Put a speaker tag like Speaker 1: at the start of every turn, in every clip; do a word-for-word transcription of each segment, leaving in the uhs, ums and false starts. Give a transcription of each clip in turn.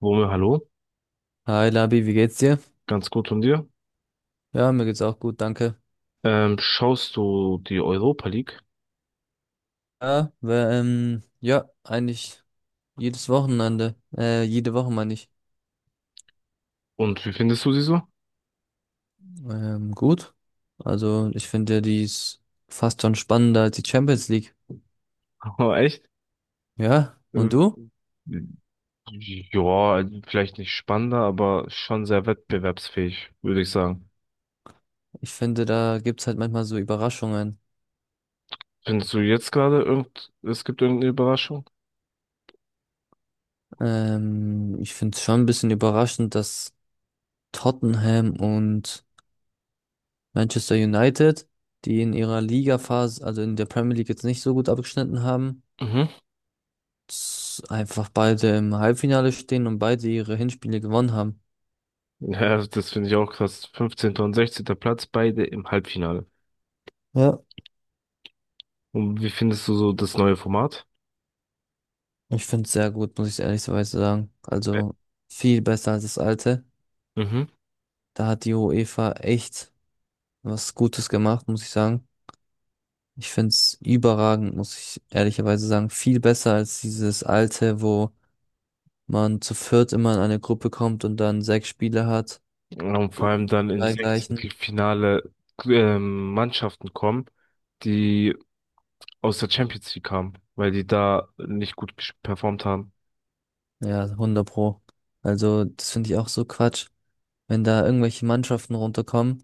Speaker 1: Wome, hallo,
Speaker 2: Hi Labi, wie geht's dir?
Speaker 1: ganz gut von dir.
Speaker 2: Ja, mir geht's auch gut, danke.
Speaker 1: Ähm, schaust du die Europa League
Speaker 2: Ja, wir, ähm, ja, eigentlich jedes Wochenende, äh, jede Woche meine ich.
Speaker 1: und wie findest du sie so?
Speaker 2: Ähm, gut. Also ich finde, ja, die ist fast schon spannender als die Champions League.
Speaker 1: Oh, echt?
Speaker 2: Ja, und
Speaker 1: Ähm,
Speaker 2: du?
Speaker 1: Ja, vielleicht nicht spannender, aber schon sehr wettbewerbsfähig, würde ich sagen.
Speaker 2: Ich finde, da gibt's halt manchmal so Überraschungen.
Speaker 1: Findest du jetzt gerade irgend, es gibt irgendeine Überraschung?
Speaker 2: Ähm, ich finde es schon ein bisschen überraschend, dass Tottenham und Manchester United, die in ihrer Ligaphase, also in der Premier League jetzt nicht so gut abgeschnitten haben,
Speaker 1: Mhm.
Speaker 2: s- einfach beide im Halbfinale stehen und beide ihre Hinspiele gewonnen haben.
Speaker 1: Ja, das finde ich auch krass. Fünfzehnter und sechzehnter Platz, beide im Halbfinale.
Speaker 2: Ja,
Speaker 1: Und wie findest du so das neue Format?
Speaker 2: ich finde es sehr gut, muss ich ehrlicherweise sagen.
Speaker 1: Ja.
Speaker 2: Also viel besser als das alte.
Speaker 1: Mhm.
Speaker 2: Da hat die UEFA echt was Gutes gemacht, muss ich sagen. Ich finde es überragend, muss ich ehrlicherweise sagen. Viel besser als dieses alte, wo man zu viert immer in eine Gruppe kommt und dann sechs Spiele hat
Speaker 1: Und vor
Speaker 2: gegen
Speaker 1: allem dann
Speaker 2: die
Speaker 1: in
Speaker 2: drei gleichen.
Speaker 1: Sechzehntelfinale ähm, Mannschaften kommen, die aus der Champions League kamen, weil die da nicht gut ges- performt haben.
Speaker 2: Ja, hundert pro. Also das finde ich auch so Quatsch, wenn da irgendwelche Mannschaften runterkommen,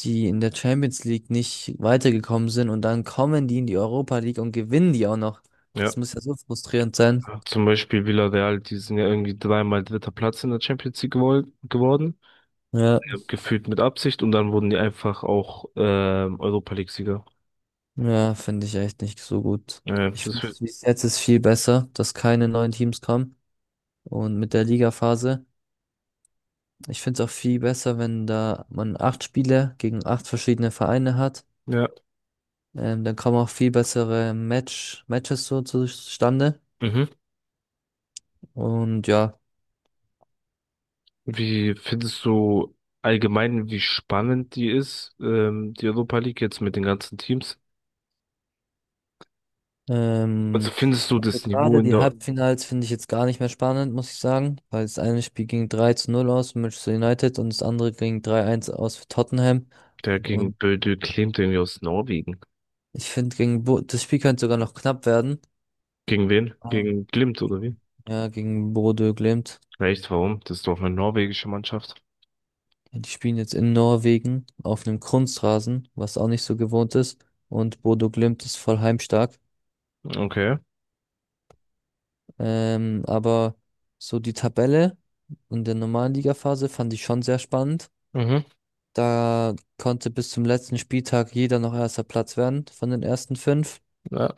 Speaker 2: die in der Champions League nicht weitergekommen sind und dann kommen die in die Europa League und gewinnen die auch noch.
Speaker 1: Ja,
Speaker 2: Das muss ja so frustrierend sein.
Speaker 1: zum Beispiel Villarreal, die sind ja irgendwie dreimal dritter Platz in der Champions League gewol- geworden,
Speaker 2: Ja,
Speaker 1: ja, gefühlt mit Absicht, und dann wurden die einfach auch ähm, Europa League-Sieger.
Speaker 2: ja, finde ich echt nicht so gut.
Speaker 1: Äh,
Speaker 2: Ich
Speaker 1: das
Speaker 2: finde
Speaker 1: wird,
Speaker 2: es, wie es jetzt ist, viel besser, dass keine neuen Teams kommen und mit der Ligaphase. Ich finde es auch viel besser, wenn da man acht Spiele gegen acht verschiedene Vereine hat.
Speaker 1: ja.
Speaker 2: Ähm, dann kommen auch viel bessere Match, Matches so zustande.
Speaker 1: Mhm.
Speaker 2: Und ja,
Speaker 1: Wie findest du allgemein, wie spannend die ist, ähm, die Europa League jetzt mit den ganzen Teams? Also
Speaker 2: ähm,
Speaker 1: findest du
Speaker 2: So
Speaker 1: das Niveau
Speaker 2: gerade
Speaker 1: in
Speaker 2: die
Speaker 1: der,
Speaker 2: Halbfinals finde ich jetzt gar nicht mehr spannend, muss ich sagen, weil das eine Spiel ging drei zu null aus für Manchester United und das andere ging drei zu eins aus für Tottenham.
Speaker 1: Der gegen
Speaker 2: Und
Speaker 1: Bodø Glimt irgendwie aus Norwegen?
Speaker 2: ich finde, gegen Bo das Spiel könnte sogar noch knapp werden.
Speaker 1: Gegen wen?
Speaker 2: Ah.
Speaker 1: Gegen Glimt oder wie?
Speaker 2: Ja, gegen Bodø Glimt.
Speaker 1: Echt, warum? Das ist doch eine norwegische Mannschaft.
Speaker 2: Die spielen jetzt in Norwegen auf einem Kunstrasen, was auch nicht so gewohnt ist. Und Bodø Glimt ist voll heimstark.
Speaker 1: Okay.
Speaker 2: Ähm, aber so die Tabelle in der normalen Ligaphase fand ich schon sehr spannend.
Speaker 1: Mhm,
Speaker 2: Da konnte bis zum letzten Spieltag jeder noch erster Platz werden von den ersten fünf.
Speaker 1: ja,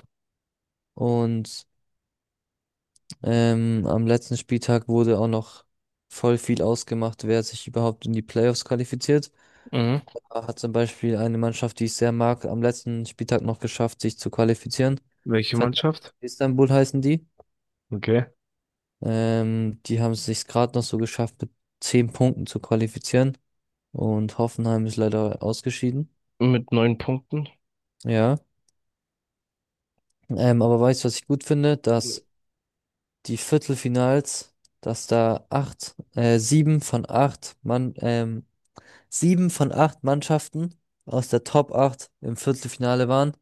Speaker 2: Und ähm, am letzten Spieltag wurde auch noch voll viel ausgemacht, wer sich überhaupt in die Playoffs qualifiziert.
Speaker 1: mhm.
Speaker 2: Da hat zum Beispiel eine Mannschaft, die ich sehr mag, am letzten Spieltag noch geschafft, sich zu qualifizieren.
Speaker 1: Welche
Speaker 2: Fenerbahçe
Speaker 1: Mannschaft?
Speaker 2: Istanbul heißen die.
Speaker 1: Okay.
Speaker 2: Ähm, die haben es sich gerade noch so geschafft, mit zehn Punkten zu qualifizieren. Und Hoffenheim ist leider ausgeschieden.
Speaker 1: Mit neun Punkten.
Speaker 2: Ja. Ähm, aber weißt du, was ich gut finde? Dass die Viertelfinals, dass da acht, äh, sieben von acht Mann, ähm, sieben von acht Mannschaften aus der Top acht im Viertelfinale waren.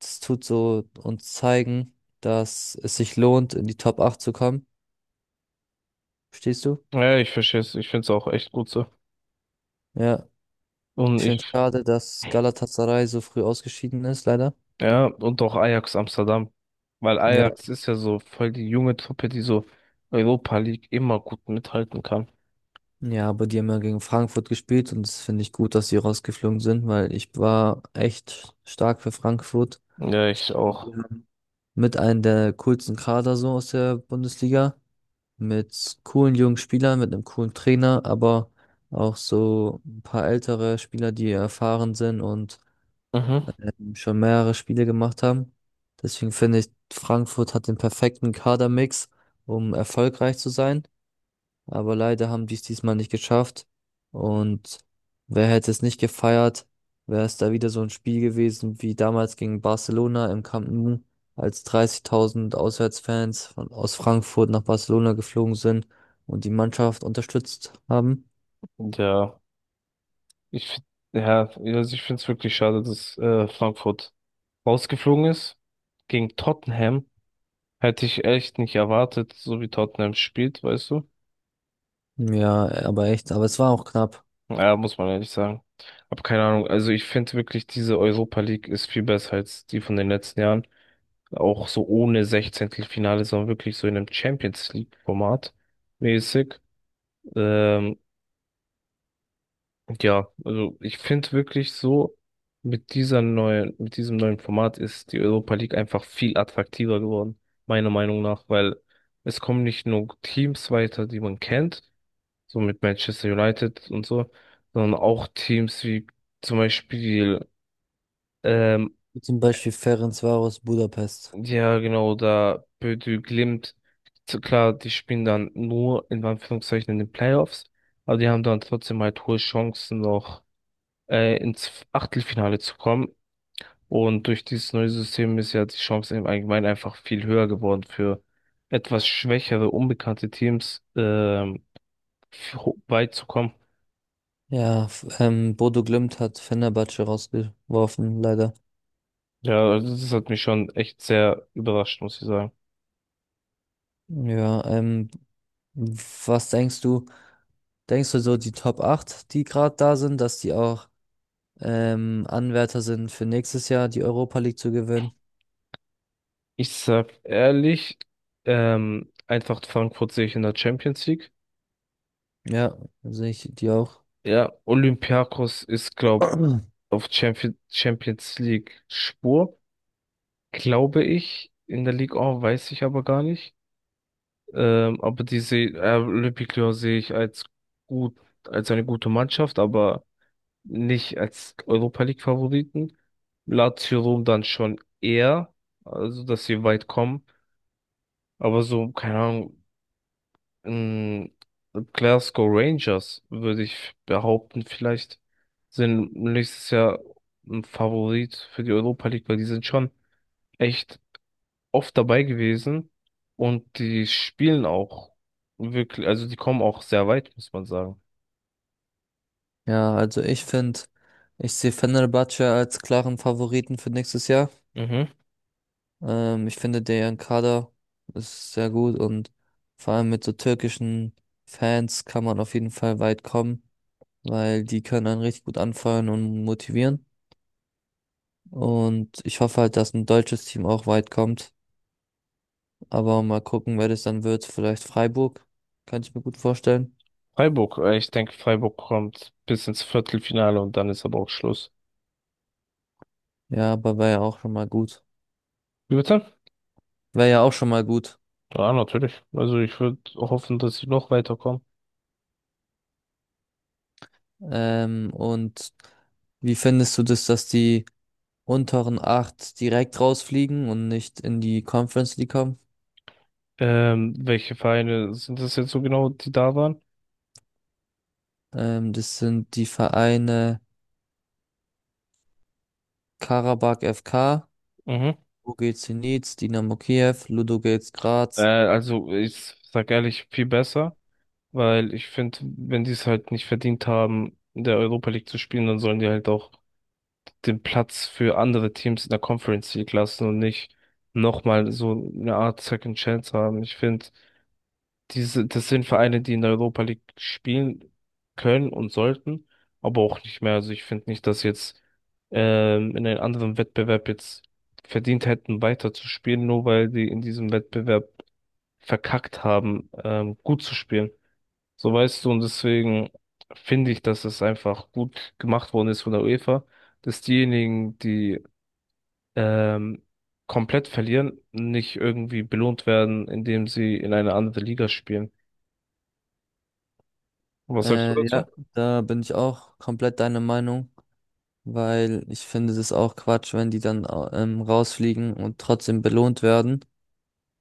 Speaker 2: Das tut so uns zeigen, dass es sich lohnt, in die Top acht zu kommen. Verstehst du?
Speaker 1: Ja, ich verstehe es. Ich finde es auch echt gut so.
Speaker 2: Ja.
Speaker 1: Und
Speaker 2: Ich
Speaker 1: ich
Speaker 2: finde es schade, dass Galatasaray so früh ausgeschieden ist, leider.
Speaker 1: Ja, und auch Ajax Amsterdam. Weil
Speaker 2: Ja.
Speaker 1: Ajax ist ja so voll die junge Truppe, die so Europa League immer gut mithalten kann.
Speaker 2: Ja, aber die haben ja gegen Frankfurt gespielt und das finde ich gut, dass sie rausgeflogen sind, weil ich war echt stark für Frankfurt.
Speaker 1: Ja,
Speaker 2: Ich,
Speaker 1: ich auch.
Speaker 2: ja, mit einem der coolsten Kader so aus der Bundesliga, mit coolen jungen Spielern, mit einem coolen Trainer, aber auch so ein paar ältere Spieler, die erfahren sind und
Speaker 1: Mhm.
Speaker 2: ähm, schon mehrere Spiele gemacht haben. Deswegen finde ich, Frankfurt hat den perfekten Kadermix, um erfolgreich zu sein, aber leider haben die es diesmal nicht geschafft. Und wer hätte es nicht gefeiert, wäre es da wieder so ein Spiel gewesen wie damals gegen Barcelona im Camp Nou, als dreißigtausend Auswärtsfans von, aus Frankfurt nach Barcelona geflogen sind und die Mannschaft unterstützt haben.
Speaker 1: Ja, ich, find- ja, also ich finde es wirklich schade, dass äh, Frankfurt rausgeflogen ist. Gegen Tottenham hätte ich echt nicht erwartet, so wie Tottenham spielt, weißt du?
Speaker 2: Ja, aber echt, aber es war auch knapp.
Speaker 1: Ja, muss man ehrlich sagen. Hab keine Ahnung. Also ich finde wirklich, diese Europa League ist viel besser als die von den letzten Jahren. Auch so ohne Sechzehntelfinale, sondern wirklich so in einem Champions League-Format mäßig. Ähm, ja, also ich finde wirklich so, mit dieser neuen, mit diesem neuen Format ist die Europa League einfach viel attraktiver geworden, meiner Meinung nach, weil es kommen nicht nur Teams weiter, die man kennt, so mit Manchester United und so, sondern auch Teams wie zum Beispiel ähm,
Speaker 2: Wie zum Beispiel Ferencvaros Budapest.
Speaker 1: ja, genau, da Bödü Glimt, zu- klar, die spielen dann nur in Anführungszeichen in den Playoffs, aber die haben dann trotzdem halt hohe Chancen noch äh, ins Achtelfinale zu kommen. Und durch dieses neue System ist ja die Chance im Allgemeinen einfach viel höher geworden für etwas schwächere, unbekannte Teams ähm, ho- weit zu kommen.
Speaker 2: Ja, f- ähm, Bodo Glimt hat Fenerbahce rausgeworfen, leider.
Speaker 1: Ja, also das hat mich schon echt sehr überrascht, muss ich sagen.
Speaker 2: Ja, ähm, was denkst du? Denkst du so, die Top acht, die gerade da sind, dass die auch ähm, Anwärter sind für nächstes Jahr die Europa League zu gewinnen?
Speaker 1: Ich sag ehrlich, ähm, Eintracht Frankfurt sehe ich in der Champions League.
Speaker 2: Ja, sehe ich die auch.
Speaker 1: Ja, Olympiakos ist, glaube ich, auf Champion Champions League Spur, glaube ich. In der Ligue eins weiß ich aber gar nicht. Ähm, aber diese äh, Olympique Lyon sehe ich als gut, als eine gute Mannschaft, aber nicht als Europa League Favoriten. Lazio Rom dann schon eher, also dass sie weit kommen. Aber so, keine Ahnung, Ähm, Glasgow Rangers, würde ich behaupten, vielleicht sind nächstes Jahr ein Favorit für die Europa League, weil die sind schon echt oft dabei gewesen und die spielen auch wirklich, also die kommen auch sehr weit, muss man sagen.
Speaker 2: Ja, also ich finde, ich sehe Fenerbahce als klaren Favoriten für nächstes Jahr.
Speaker 1: Mhm.
Speaker 2: Ähm, ich finde, deren Kader ist sehr gut und vor allem mit so türkischen Fans kann man auf jeden Fall weit kommen, weil die können einen richtig gut anfeuern und motivieren. Und ich hoffe halt, dass ein deutsches Team auch weit kommt. Aber mal gucken, wer das dann wird. Vielleicht Freiburg, kann ich mir gut vorstellen.
Speaker 1: Freiburg, äh, ich denke, Freiburg kommt bis ins Viertelfinale und dann ist aber auch Schluss.
Speaker 2: Ja, aber wäre ja auch schon mal gut.
Speaker 1: Wie bitte?
Speaker 2: Wäre ja auch schon mal gut.
Speaker 1: Ja, natürlich. Also ich würde hoffen, dass sie noch weiterkommen.
Speaker 2: Ähm, und wie findest du das, dass die unteren acht direkt rausfliegen und nicht in die Conference League kommen?
Speaker 1: Ähm, welche Vereine sind das jetzt so genau, die da waren?
Speaker 2: Ähm, das sind die Vereine Karabakh F K,
Speaker 1: Mhm.
Speaker 2: U G Zenit, Dynamo Kiew, Ludogorets
Speaker 1: Äh,
Speaker 2: Graz.
Speaker 1: also ich sag ehrlich, viel besser, weil ich finde, wenn die es halt nicht verdient haben, in der Europa League zu spielen, dann sollen die halt auch den Platz für andere Teams in der Conference League lassen und nicht nochmal so eine Art Second Chance haben. Ich finde, diese, das sind Vereine, die in der Europa League spielen können und sollten, aber auch nicht mehr. Also ich finde nicht, dass jetzt ähm, in einem anderen Wettbewerb jetzt verdient hätten, weiterzuspielen, nur weil die in diesem Wettbewerb verkackt haben, ähm, gut zu spielen. So weißt du, und deswegen finde ich, dass es einfach gut gemacht worden ist von der UEFA, dass diejenigen, die ähm, komplett verlieren, nicht irgendwie belohnt werden, indem sie in eine andere Liga spielen. Und was sagst du
Speaker 2: Äh, ja,
Speaker 1: dazu?
Speaker 2: da bin ich auch komplett deiner Meinung, weil ich finde, das ist auch Quatsch, wenn die dann au- ähm, rausfliegen und trotzdem belohnt werden.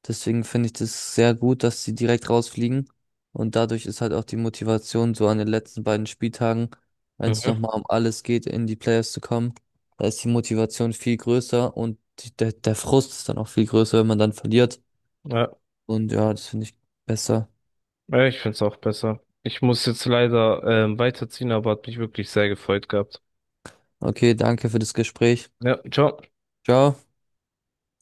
Speaker 2: Deswegen finde ich das sehr gut, dass sie direkt rausfliegen. Und dadurch ist halt auch die Motivation, so an den letzten beiden Spieltagen, wenn es
Speaker 1: Mhm.
Speaker 2: nochmal um alles geht, in die Playoffs zu kommen, da ist die Motivation viel größer und die, der, der Frust ist dann auch viel größer, wenn man dann verliert.
Speaker 1: Ja,
Speaker 2: Und ja, das finde ich besser.
Speaker 1: ja, ich finde es auch besser. Ich muss jetzt leider ähm, weiterziehen, aber hat mich wirklich sehr gefreut gehabt.
Speaker 2: Okay, danke für das Gespräch.
Speaker 1: Ja, ciao.
Speaker 2: Ciao.